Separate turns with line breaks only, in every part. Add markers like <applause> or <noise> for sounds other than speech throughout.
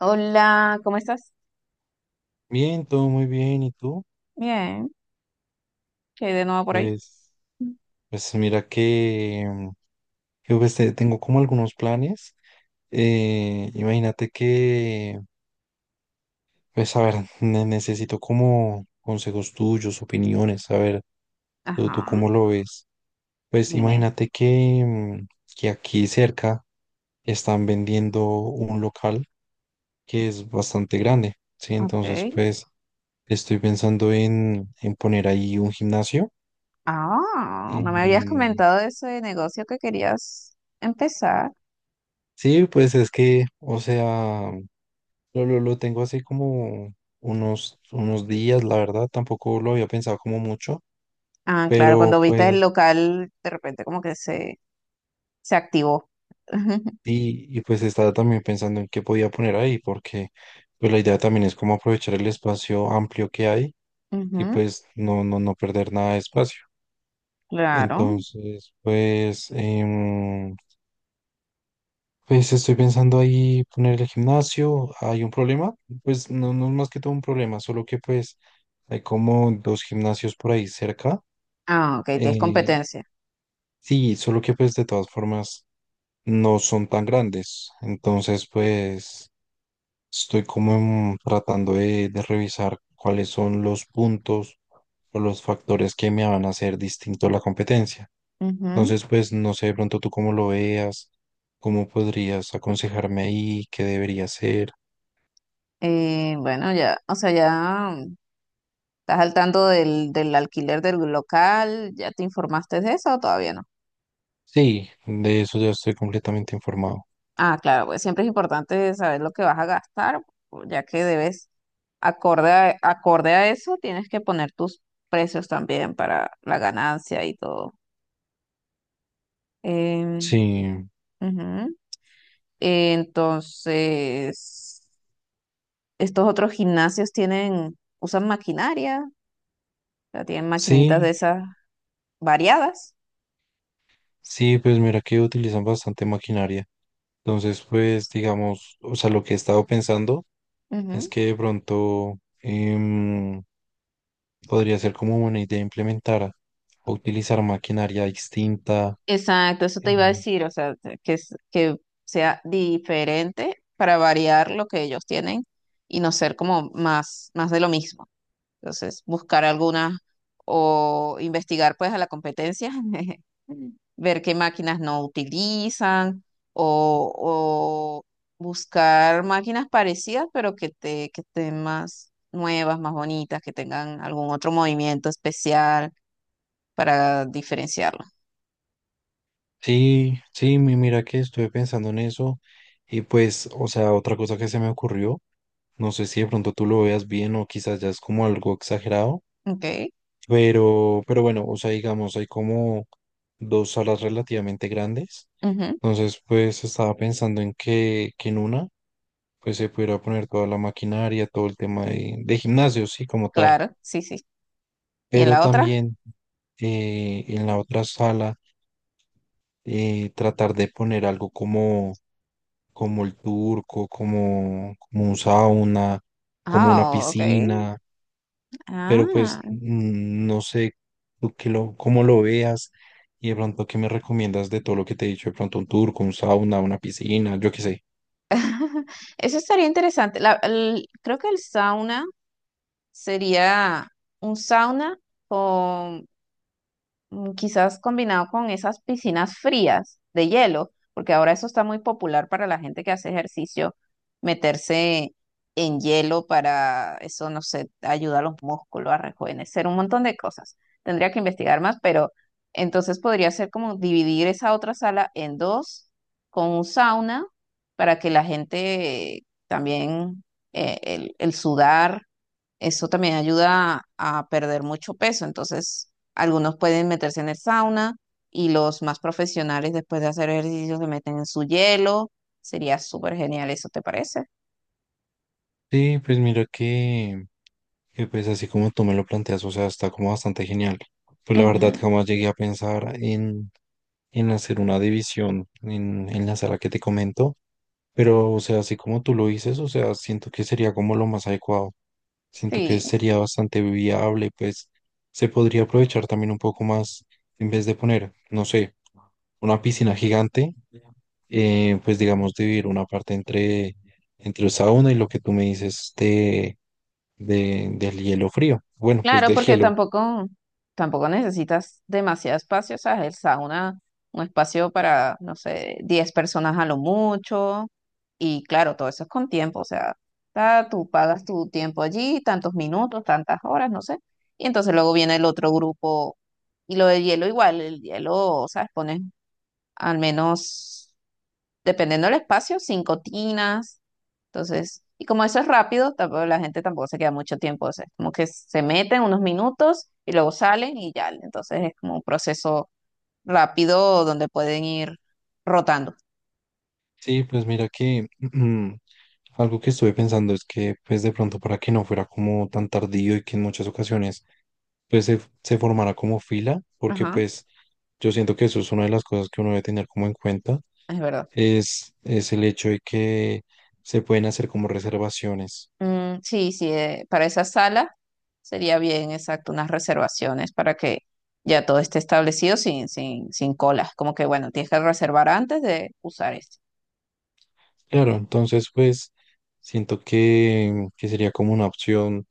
Hola, ¿cómo estás?
Bien, todo muy bien. ¿Y tú?
Bien, ¿qué hay de nuevo por ahí?
Pues, pues mira que, pues, tengo como algunos planes. Imagínate que, pues a ver, <laughs> necesito como consejos tuyos, opiniones, a ver, tú
Ajá,
cómo lo ves. Pues
dime.
imagínate que, que aquí cerca están vendiendo un local que es bastante grande, ¿sí? Entonces,
Ok.
pues estoy pensando en poner ahí un gimnasio.
Ah, no me habías
em,
comentado de ese negocio que querías empezar.
Sí, pues es que, o sea, lo tengo así como unos días, la verdad, tampoco lo había pensado como mucho,
Ah, claro,
pero
cuando viste
pues,
el local, de repente como que se activó. <laughs>
y pues estaba también pensando en qué podía poner ahí, porque pues la idea también es como aprovechar el espacio amplio que hay y
Ujú.
pues no perder nada de espacio.
Claro.
Entonces, pues, pues estoy pensando ahí poner el gimnasio. ¿Hay un problema? Pues no, no es más que todo un problema, solo que pues hay como dos gimnasios por ahí cerca.
Ah, ok, tienes
Eh,
competencia.
sí, solo que pues de todas formas no son tan grandes. Entonces pues estoy como tratando de revisar cuáles son los puntos o los factores que me van a hacer distinto a la competencia.
Ujú.
Entonces pues no sé de pronto tú cómo lo veas, cómo podrías aconsejarme ahí, qué debería hacer.
Bueno, ya, o sea, ya estás al tanto del alquiler del local, ¿ya te informaste de eso o todavía no?
Sí, de eso ya estoy completamente informado.
Ah, claro, pues siempre es importante saber lo que vas a gastar, pues, ya que debes, acorde a eso, tienes que poner tus precios también para la ganancia y todo.
Sí,
Em, ujú. Entonces, estos otros gimnasios tienen, usan maquinaria. O sea, tienen maquinitas de
sí,
esas variadas.
sí, pues mira que utilizan bastante maquinaria. Entonces, pues digamos, o sea, lo que he estado pensando es
Ujú.
que de pronto em, podría ser como una idea implementar o utilizar maquinaria distinta.
Exacto, eso te iba a
em,
decir, o sea, que, que sea diferente para variar lo que ellos tienen y no ser como más, más de lo mismo. Entonces, buscar alguna o investigar pues a la competencia, <laughs> ver qué máquinas no utilizan o buscar máquinas parecidas, pero que estén más nuevas, más bonitas, que tengan algún otro movimiento especial para diferenciarlo.
sí, sí, mira que estuve pensando en eso y pues, o sea, otra cosa que se me ocurrió, no sé si de pronto tú lo veas bien o quizás ya es como algo exagerado.
Ok,
Pero bueno, o sea, digamos, hay como dos salas relativamente grandes.
ujú,
Entonces, pues estaba pensando en que en una, pues se pudiera poner toda la maquinaria, todo el tema de gimnasio, sí, como tal.
claro, sí, sí. ¿Y en
Pero
la otra?
también en la otra sala, tratar de poner algo como, como el turco, como, como un sauna, como una
Ah, ok.
piscina, pero pues
Ah,
no sé tú qué lo, cómo lo veas y de pronto qué me recomiendas de todo lo que te he dicho, de pronto un turco, un sauna, una piscina, yo qué sé.
<laughs> eso estaría interesante. Creo que el sauna sería un sauna quizás combinado con esas piscinas frías de hielo, porque ahora eso está muy popular para la gente que hace ejercicio, meterse en hielo para eso, no sé, ayuda a los músculos a rejuvenecer, un montón de cosas. Tendría que investigar más, pero entonces podría ser como dividir esa otra sala en dos con un sauna para que la gente también, el sudar eso también ayuda a perder mucho peso. Entonces, algunos pueden meterse en el sauna y los más profesionales después de hacer ejercicio se meten en su hielo. Sería súper genial, ¿eso te parece?
Sí, pues mira que pues así como tú me lo planteas, o sea, está como bastante genial. Pues la verdad
Ujú,
jamás llegué a pensar en hacer una división en la sala que te comento, pero o sea, así como tú lo dices, o sea, siento que sería como lo más adecuado. Siento que
sí.
sería bastante viable, pues se podría aprovechar también un poco más en vez de poner, no sé, una piscina gigante, pues digamos dividir una parte entre, entre el sauna y lo que tú me dices de, del hielo frío. Bueno, pues
Claro,
del
porque
hielo.
tampoco, tampoco necesitas demasiado espacio, o sea, el sauna, un espacio para, no sé, 10 personas a lo mucho, y claro, todo eso es con tiempo, o sea, tú pagas tu tiempo allí, tantos minutos, tantas horas, no sé, y entonces luego viene el otro grupo, y lo de hielo igual, el hielo, o sea, pones al menos dependiendo del espacio, cinco tinas. Entonces, y como eso es rápido, tampoco la gente tampoco se queda mucho tiempo. O sea, es como que se meten unos minutos y luego salen y ya. Entonces es como un proceso rápido donde pueden ir rotando.
Sí, pues mira que <clears throat> algo que estuve pensando es que pues de pronto para que no fuera como tan tardío y que en muchas ocasiones pues se formara como fila, porque
Ajá,
pues yo siento que eso es una de las cosas que uno debe tener como en cuenta
es verdad.
es el hecho de que se pueden hacer como reservaciones.
Sí, sí, para esa sala sería bien, exacto, unas reservaciones para que ya todo esté establecido sin colas. Como que, bueno, tienes que reservar antes de usar esto.
Claro, entonces pues siento que sería como una opción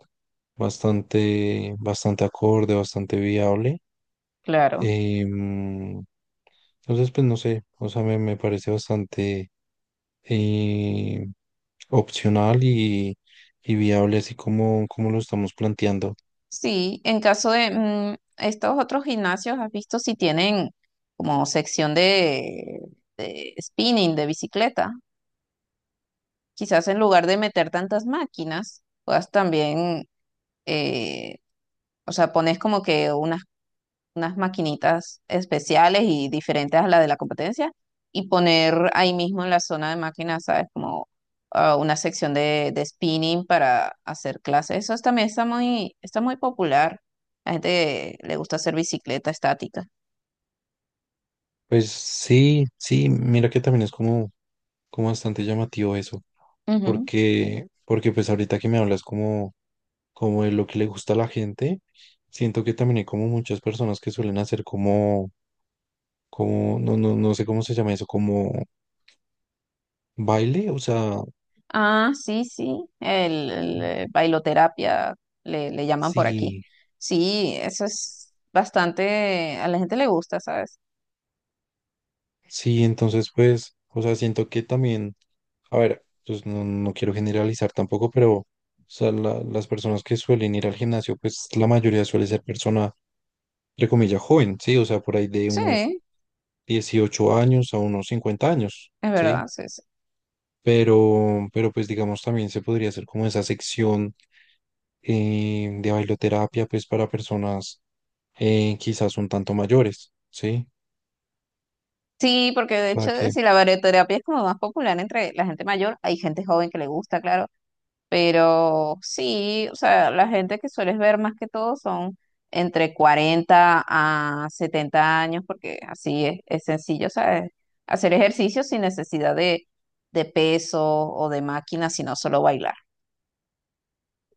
bastante, bastante acorde, bastante viable.
Claro.
Em, entonces pues no sé, o sea, me parece bastante eh, opcional y viable así como, como lo estamos planteando.
Sí, en caso de estos otros gimnasios, ¿has visto si tienen como sección de spinning, de bicicleta? Quizás en lugar de meter tantas máquinas, puedas también, eh, o sea, pones como que unas unas maquinitas especiales y diferentes a la de la competencia y poner ahí mismo en la zona de máquinas, ¿sabes? Como ah, una sección de spinning para hacer clases. También está muy popular. La gente le gusta hacer bicicleta estática.
Pues sí, sí, mira que también es como, como bastante llamativo eso.
Ujú.
Porque, porque pues ahorita que me hablas como, como de lo que le gusta a la gente, siento que también hay como muchas personas que suelen hacer como, como, no sé cómo se llama eso, como baile, o sea,
Ah, sí, sí, el, bailoterapia le llaman por aquí.
sí,
Sí, eso es bastante, a la gente le gusta, ¿sabes?
sí, entonces pues, o sea, siento que también, a ver, pues no, no quiero generalizar tampoco, pero, o sea, las personas que suelen ir al gimnasio, pues la mayoría suele ser persona, entre comillas, joven, sí, o sea, por ahí de unos
Sí,
18 años a unos 50 años,
es
¿sí?
verdad, sí, sí.
Pero pues digamos también se podría hacer como esa sección de bailoterapia pues para personas quizás un tanto mayores, ¿sí?
Sí, porque
O
de
sea
hecho,
que,
si la barioterapia es como más popular entre la gente mayor, hay gente joven que le gusta, claro, pero sí, o sea, la gente que sueles ver más que todo son entre 40 a 70 años, porque así es sencillo, ¿sabes? Hacer ejercicio sin necesidad de peso o de máquina, sino solo bailar.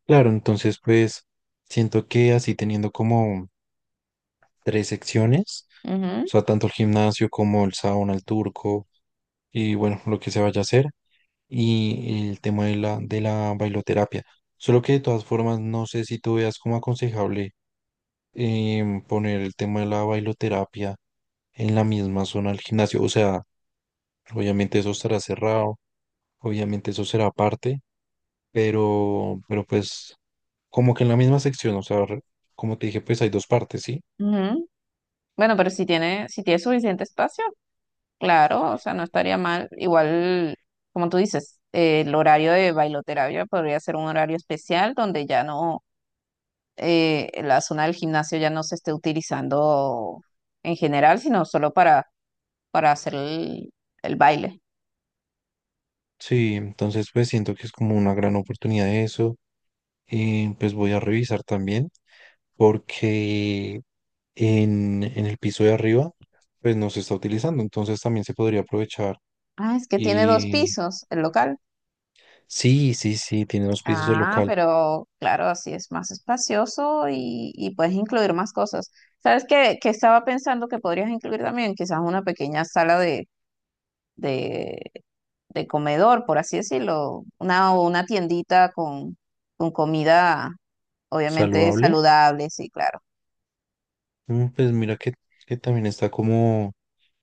claro, entonces pues siento que así teniendo como tres secciones,
Ujú,
o sea, tanto el gimnasio como el sauna, el turco y bueno, lo que se vaya a hacer y el tema de la bailoterapia. Solo que de todas formas no sé si tú veas como aconsejable poner el tema de la bailoterapia en la misma zona del gimnasio. O sea, obviamente eso estará cerrado, obviamente eso será aparte, pero pues como que en la misma sección, o sea, como te dije, pues hay dos partes, ¿sí?
ujú. Bueno, pero si tiene, si tiene suficiente espacio. Claro, o sea, no estaría mal. Igual, como tú dices, el horario de bailoterapia podría ser un horario especial donde ya no, la zona del gimnasio ya no se esté utilizando en general, sino solo para hacer el baile.
Sí, entonces pues siento que es como una gran oportunidad eso. Pues voy a revisar también porque en el piso de arriba pues no se está utilizando, entonces también se podría aprovechar.
Ah, es que tiene dos
Y
pisos el local.
sí, sí, sí, tiene dos pisos de
Ah,
local.
pero claro, así es más espacioso y puedes incluir más cosas. ¿Sabes qué, que estaba pensando que podrías incluir también? Quizás una pequeña sala de de comedor, por así decirlo, una tiendita con comida, obviamente
Saludable.
saludable, sí, claro.
Mm, pues mira que también está como,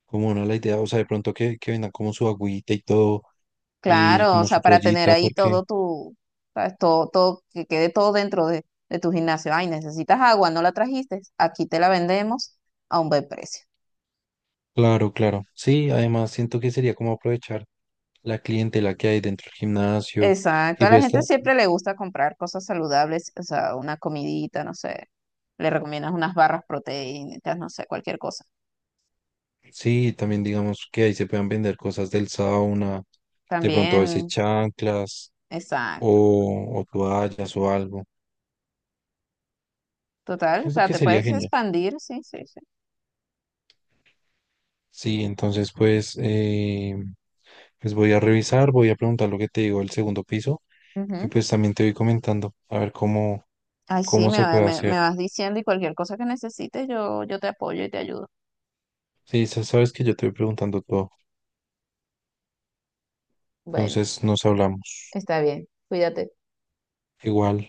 como una la idea, o sea, de pronto que vendan como su agüita y todo, y
Claro, o
como su
sea, para tener
toallita,
ahí
porque,
todo tu, sabes, todo, todo, que quede todo dentro de tu gimnasio. Ay, necesitas agua, no la trajiste, aquí te la vendemos a un buen precio.
claro, claro. Sí, además siento que sería como aprovechar la clientela que hay dentro del gimnasio,
Exacto,
y
a la
pues
gente siempre le gusta comprar cosas saludables, o sea, una comidita, no sé, le recomiendas unas barras proteínicas, no sé, cualquier cosa.
sí, también digamos que ahí se puedan vender cosas del sauna, de pronto a veces
También,
chanclas
exacto.
o toallas o algo.
Total, o
Siento
sea,
que
te
sería
puedes
genial.
expandir, sí, sí, sí.
Sí, entonces pues, pues voy a revisar, voy a preguntar lo que te digo del segundo piso y
Ujú.
pues también te voy comentando a ver cómo,
Ay, sí,
cómo se puede hacer.
me vas diciendo y cualquier cosa que necesites, yo te apoyo y te ayudo.
Sí, sabes que yo te voy preguntando todo,
Bueno,
entonces nos hablamos.
está bien. Cuídate.
Igual.